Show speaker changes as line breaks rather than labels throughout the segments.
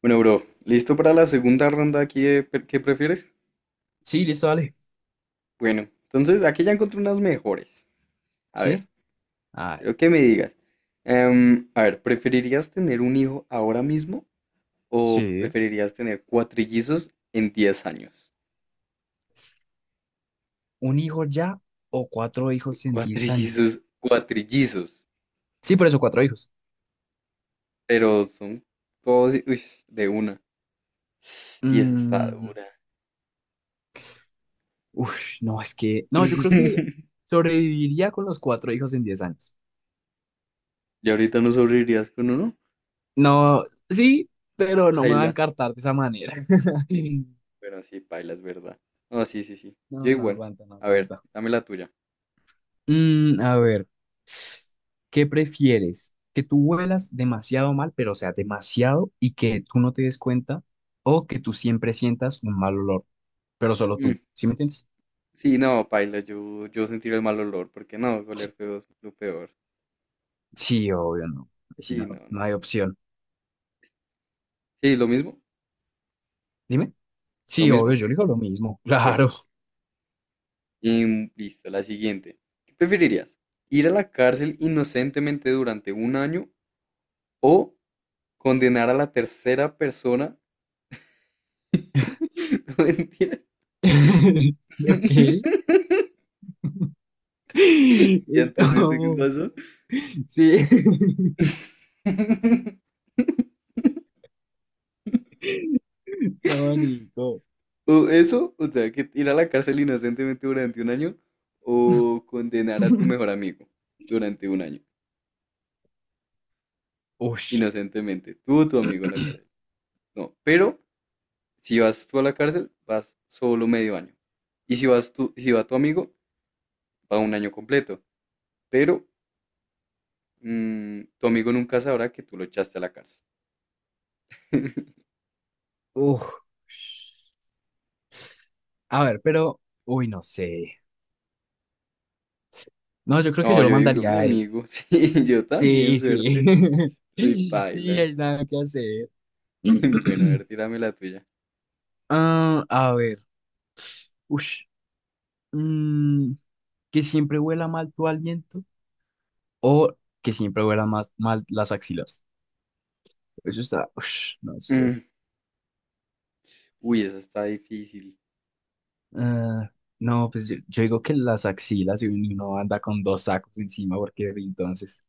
Bueno, bro, ¿listo para la segunda ronda aquí qué prefieres?
Sí, listo, dale.
Bueno, entonces aquí ya encontré unas mejores. A
¿Sí?
ver,
Ah,
quiero que me digas. A ver, ¿preferirías tener un hijo ahora mismo o
sí.
preferirías tener cuatrillizos en 10 años?
¿Un hijo ya o cuatro hijos en 10 años?
Cuatrillizos, cuatrillizos,
Sí, por eso, cuatro hijos.
pero son todos uy, de una. Y esa está
Mm,
dura.
uf, no, es que, no, yo creo que sobreviviría con los cuatro hijos en 10 años.
¿Y ahorita no sobrevivirías con
No, sí, pero no me va a
uno?
encartar de esa manera.
Pero sí, paila, es verdad. No, sí, sí, sí.
No,
Yo
no
igual.
aguanta, no
A ver,
aguanta.
dame la tuya.
Mm, a ver, ¿qué prefieres? ¿Que tú huelas demasiado mal, pero o sea, demasiado y que tú no te des cuenta? ¿O que tú siempre sientas un mal olor? Pero solo
Mm.
tú. ¿Sí me entiendes?
Sí, no, paila, yo sentir el mal olor, porque no, oler feo es lo peor.
Sí, obvio, no. Ahí sí
Sí,
no,
no, no,
no hay
no.
opción.
Sí, lo mismo,
Dime.
lo
Sí, obvio,
mismo.
yo le digo lo mismo.
Bueno,
Claro.
y listo, la siguiente. ¿Qué preferirías? ¿Ir a la cárcel inocentemente durante un año o condenar a la tercera persona? No, mentira.
Ok.
¿Ya
Uy,
entendiste qué
no.
pasó?
Sí. No, Nico.
O eso, o sea, que ir a la cárcel inocentemente durante un año o condenar a tu mejor amigo durante un año,
Ush.
inocentemente, tú o tu amigo a la cárcel. No, pero si vas tú a la cárcel, vas solo medio año. Y si vas tú, si va tu amigo, va un año completo. Pero tu amigo nunca sabrá que tú lo echaste a la cárcel.
Uf. A ver, pero. Uy, no sé. No, yo creo que
No,
yo lo
yo digo,
mandaría
mi
a él.
amigo, sí, yo también,
Sí, sí.
suerte. Soy
Sí,
paila.
hay nada que hacer.
Bueno, a ver, tírame la tuya.
Ah, a ver. Ush. mm, que siempre huela mal tu aliento o que siempre huela más mal las axilas. Eso está, ush, no sé.
Mm. Uy, esa está difícil.
Ah, no, pues yo, digo que las axilas y uno anda con dos sacos encima porque entonces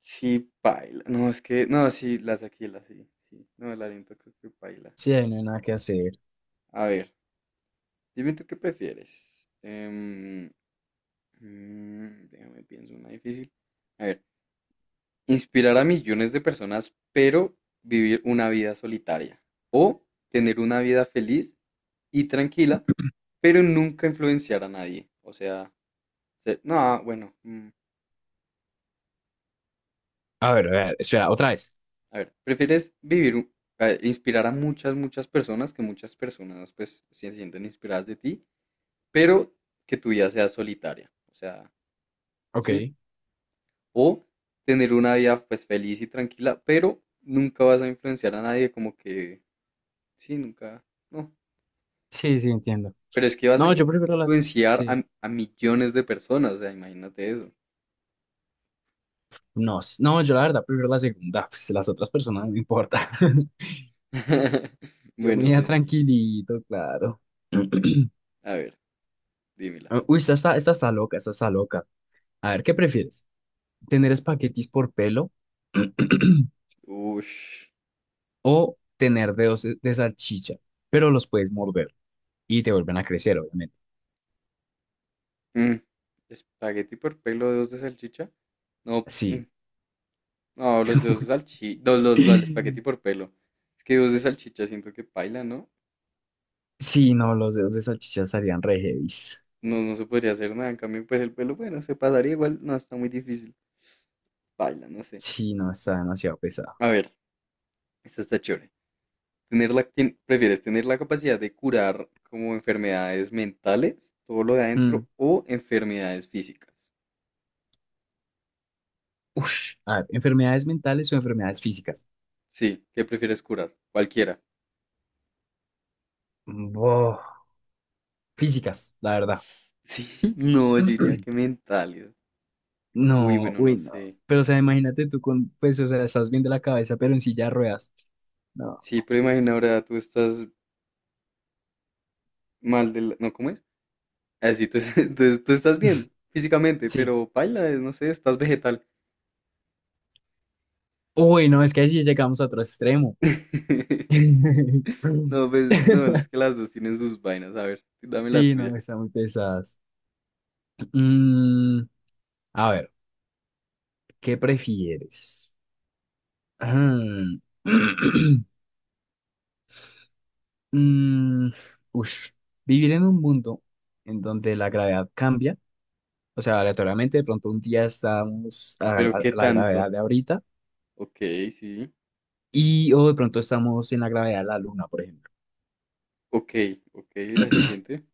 Sí, paila. No, es que, no, sí, las de Aquila, sí, sí. No, el aliento creo que paila.
sí, ahí no hay nada que hacer.
A ver, dime tú qué prefieres. Déjame pienso una difícil. A ver, inspirar a millones de personas, pero vivir una vida solitaria. O tener una vida feliz y tranquila, pero nunca influenciar a nadie. O sea, no, ah, bueno.
A ver, espera, otra vez.
A ver, ¿prefieres inspirar a muchas, muchas personas, que muchas personas pues se sienten inspiradas de ti, pero que tu vida sea solitaria? O sea, ¿sí?
Ok.
O tener una vida pues feliz y tranquila, pero nunca vas a influenciar a nadie, como que, sí, nunca, no.
Sí, sí, entiendo.
Pero es que vas a
No, yo prefiero las,
influenciar
sí.
a millones de personas, o sea, imagínate eso.
No, no, yo la verdad prefiero la segunda, pues las otras personas no me importa. Yo me
Bueno,
iba
pues sí.
tranquilito, claro.
A ver, dímela.
Uy, esta está loca, esta está loca. A ver, ¿qué prefieres? Tener espaguetis por pelo
Ush.
o tener dedos de salchicha, pero los puedes morder y te vuelven a crecer, obviamente.
Mm. ¿Espagueti por pelo, dedos de salchicha? No, mm,
Sí.
no, los dedos de salchicha, el espagueti por pelo. Es que dedos de salchicha siento que paila, ¿no?
Sí, no, los dedos de salchicha estarían re heavies.
No, no se podría hacer nada. En cambio, pues el pelo, bueno, se pasaría igual. No, está muy difícil. Paila, no sé.
Sí, no, está demasiado pesado.
A ver, esta está chévere. ¿Prefieres tener la capacidad de curar como enfermedades mentales, todo lo de adentro,
Mm.
o enfermedades físicas?
Ush. A ver, enfermedades mentales o enfermedades físicas.
Sí, ¿qué prefieres curar? Cualquiera.
Boh, físicas, la verdad.
Sí, no, yo diría que mentales. Uy,
No,
bueno, no
uy, no.
sé.
Pero, o sea, imagínate tú con, pues, o sea, estás bien de la cabeza, pero en silla de ruedas. No,
Sí, pero imagina ahora tú estás mal del... ¿No, cómo es? Así, tú, entonces tú estás bien físicamente,
sí.
pero paila, no sé, estás vegetal.
Uy, no, es que ahí sí llegamos a otro extremo.
No, pues, no, es que las dos tienen sus vainas. A ver, dame la
Sí, no,
tuya.
están muy pesadas. Mm, a ver, ¿qué prefieres? Ah, mm, ush, vivir en un mundo en donde la gravedad cambia, o sea, aleatoriamente, de pronto un día estamos a la,
Pero ¿qué
a la
tanto?
gravedad de ahorita
Ok, sí.
y o de pronto estamos en la gravedad de la luna, por ejemplo.
Ok, ok, la siguiente.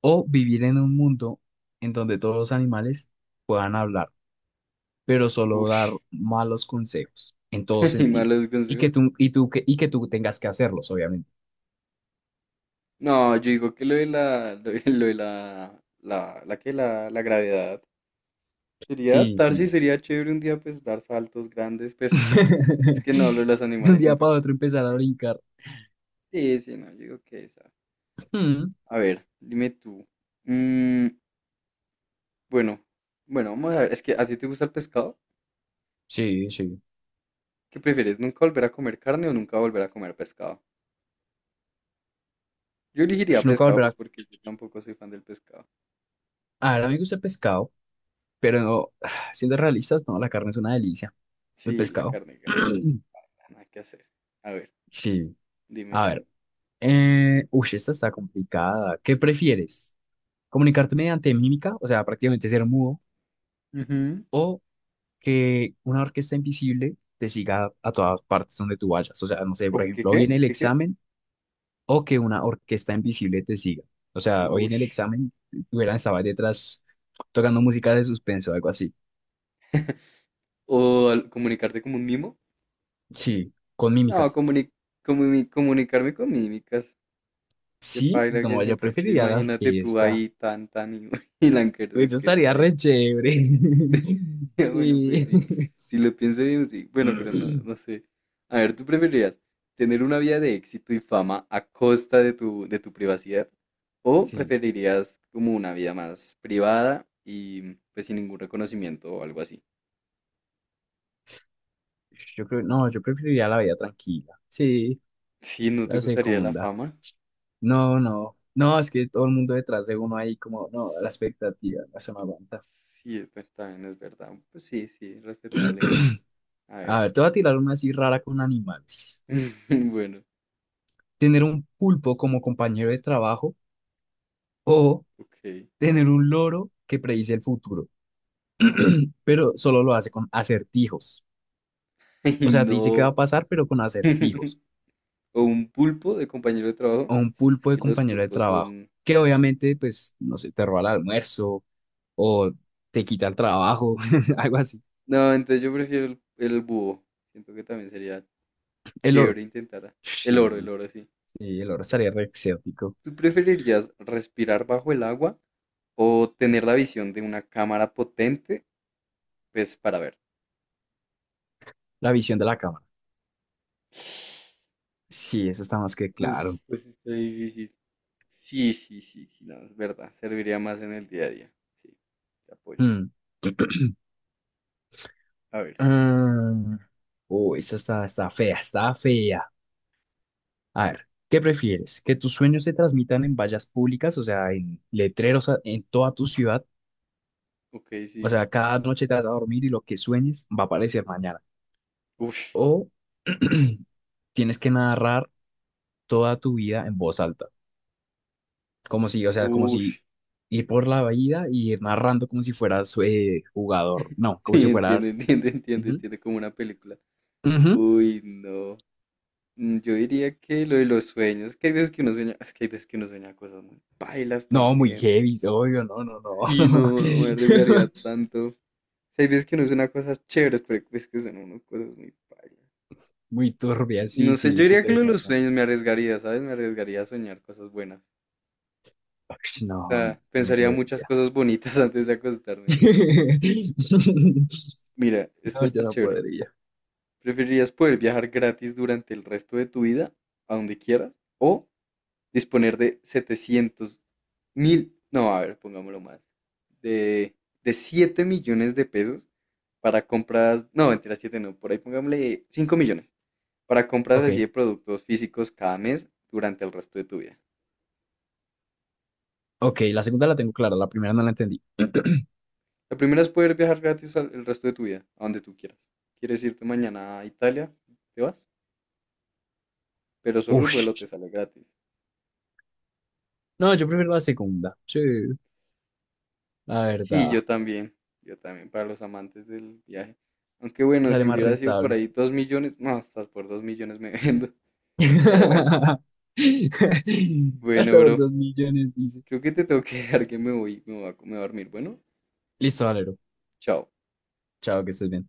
O vivir en un mundo en donde todos los animales puedan hablar, pero solo dar
Ush.
malos consejos en todo
¿Y
sentido.
malos
Y que
consejos?
tú, y tú, que, y que tú tengas que hacerlos, obviamente.
No, yo digo que lo de la, la, la que la gravedad. Sería
Sí,
adaptarse y
sí.
sería chévere un día, pues, dar saltos grandes. Pues, es que no, lo de los
De un
animales
día
siento
para
que...
otro empezar a
Sí,
brincar.
sí, sí, no, yo digo que esa.
Mm,
A ver, dime tú. Mm, bueno, bueno, vamos a ver. Es que a ti te gusta el pescado.
sí, sí.
¿Qué prefieres? ¿Nunca volver a comer carne o nunca volver a comer pescado? Yo elegiría
Ush, nunca
pescado, pues
volverá.
porque yo tampoco soy fan del pescado.
A ver, a mí me gusta el pescado, pero no, siendo realistas, no, la carne es una delicia. El
Sí, la
pescado.
carne gana, así que nada que hacer. A ver,
Sí.
dime
A
tú.
ver. Uy, esta está complicada. ¿Qué prefieres? ¿Comunicarte mediante mímica, o sea, prácticamente ser mudo,
Ujú.
o que una orquesta invisible te siga a todas partes donde tú vayas? O sea, no sé, por
¿O qué
ejemplo, hoy en
qué?
el
¿Qué qué?
examen o que una orquesta invisible te siga. O sea, hoy en el
Ush.
examen hubieran estado detrás tocando música de suspenso, algo así.
Comunicarte como un mimo?
Sí, con
No,
mímicas.
comunicarme con mímicas. Qué
Sí,
paila que
no, yo
siempre estoy.
preferiría la
Imagínate tú
orquesta.
ahí tan tan y, y la Ankerson
Eso
que está
estaría re
ahí.
chévere.
Bueno, pues
Sí.
sí, si lo pienso bien, sí. Bueno, pero no, no sé. A ver, ¿tú preferirías tener una vida de éxito y fama a costa de tu privacidad? ¿O
Sí,
preferirías como una vida más privada y pues sin ningún reconocimiento o algo así?
yo creo, no, yo preferiría la vida tranquila. Sí.
Sí, ¿no te
La
gustaría la
segunda.
fama?
No, no. No, es que todo el mundo detrás de uno ahí como, no, la expectativa, eso no me aguanta.
Sí, es también es verdad. Pues sí, sí, respetable. A
A
ver.
ver, te voy a tirar una así rara con animales.
Bueno,
Tener un pulpo como compañero de trabajo o
ok.
tener un loro que predice el futuro, pero solo lo hace con acertijos.
Ay,
O sea, te dice qué va
no.
a pasar, pero con acertijos.
O un pulpo de compañero de trabajo.
O un
Es
pulpo de
que los
compañero de
pulpos
trabajo, que
son asco.
obviamente, pues, no sé, te roba el almuerzo o te quita el trabajo, algo así.
No, entonces yo prefiero el búho. Siento que también sería
El loro.
chévere intentar. El
Sí.
oro, sí.
Sí, el oro estaría re exótico.
¿Tú preferirías respirar bajo el agua o tener la visión de una cámara potente, pues para ver?
La visión de la cámara. Sí, eso está más que
Uf,
claro.
pues está difícil. Sí, sí, sí, sí, no, es verdad. Serviría más en el día a día. Sí, te apoyo.
Mm.
A ver,
Mm. Uy, está fea, está fea. A ver, ¿qué prefieres? ¿Que tus sueños se transmitan en vallas públicas, o sea, en letreros en toda tu ciudad?
ok,
O
sí.
sea, cada noche te vas a dormir y lo que sueñes va a aparecer mañana.
Uf,
O tienes que narrar toda tu vida en voz alta, como si, o sea, como
uf.
si ir por la vida y ir narrando como si fueras jugador, no, como
Sí,
si
entiende,
fueras...
entiende, entiende,
Ujú,
entiende como una película.
ujú.
Uy, no. Mm. Yo diría que lo de los sueños, que hay veces que uno sueña, es que hay veces que uno sueña cosas muy pailas
No, muy
también.
heavy, obvio, no, no, no.
Sí, no, no me arriesgaría tanto. O sea, hay veces que uno sueña cosas chéveres, pero es que son uno cosas muy pailas.
Muy turbia, sí,
No sé,
sí.
yo diría que lo
Entonces,
de
no,
los
no,
sueños me arriesgaría, ¿sabes? Me arriesgaría a soñar cosas buenas. O
no, no,
sea,
yo no
pensaría muchas
podría.
cosas bonitas antes de acostarme. Mira, esta
No, yo
está
no
chévere.
podría.
¿Preferirías poder viajar gratis durante el resto de tu vida, a donde quieras, o disponer de 700.000, no, a ver, pongámoslo más, de, de 7 millones de pesos para compras, no, mentira, 7 no, por ahí pongámosle 5 millones para compras
Ok,
así de productos físicos cada mes durante el resto de tu vida.
ok, la segunda la tengo clara, la primera no la entendí.
La primera es poder viajar gratis el resto de tu vida, a donde tú quieras. ¿Quieres irte mañana a Italia? Te vas, pero solo el vuelo te
Ush.
sale gratis.
No, yo prefiero la segunda, sí, la
Sí,
verdad,
yo también, para los amantes del viaje. Aunque bueno,
sale
si
más
hubiera sido por
rentable.
ahí 2 millones, no, hasta por 2 millones me vendo. Pero bueno,
Vas a
bueno,
saber,
bro,
2 millones, dice.
creo que te tengo que dejar que me voy, me voy a dormir. Bueno,
Listo, Valero.
chao.
Chao, que estés bien.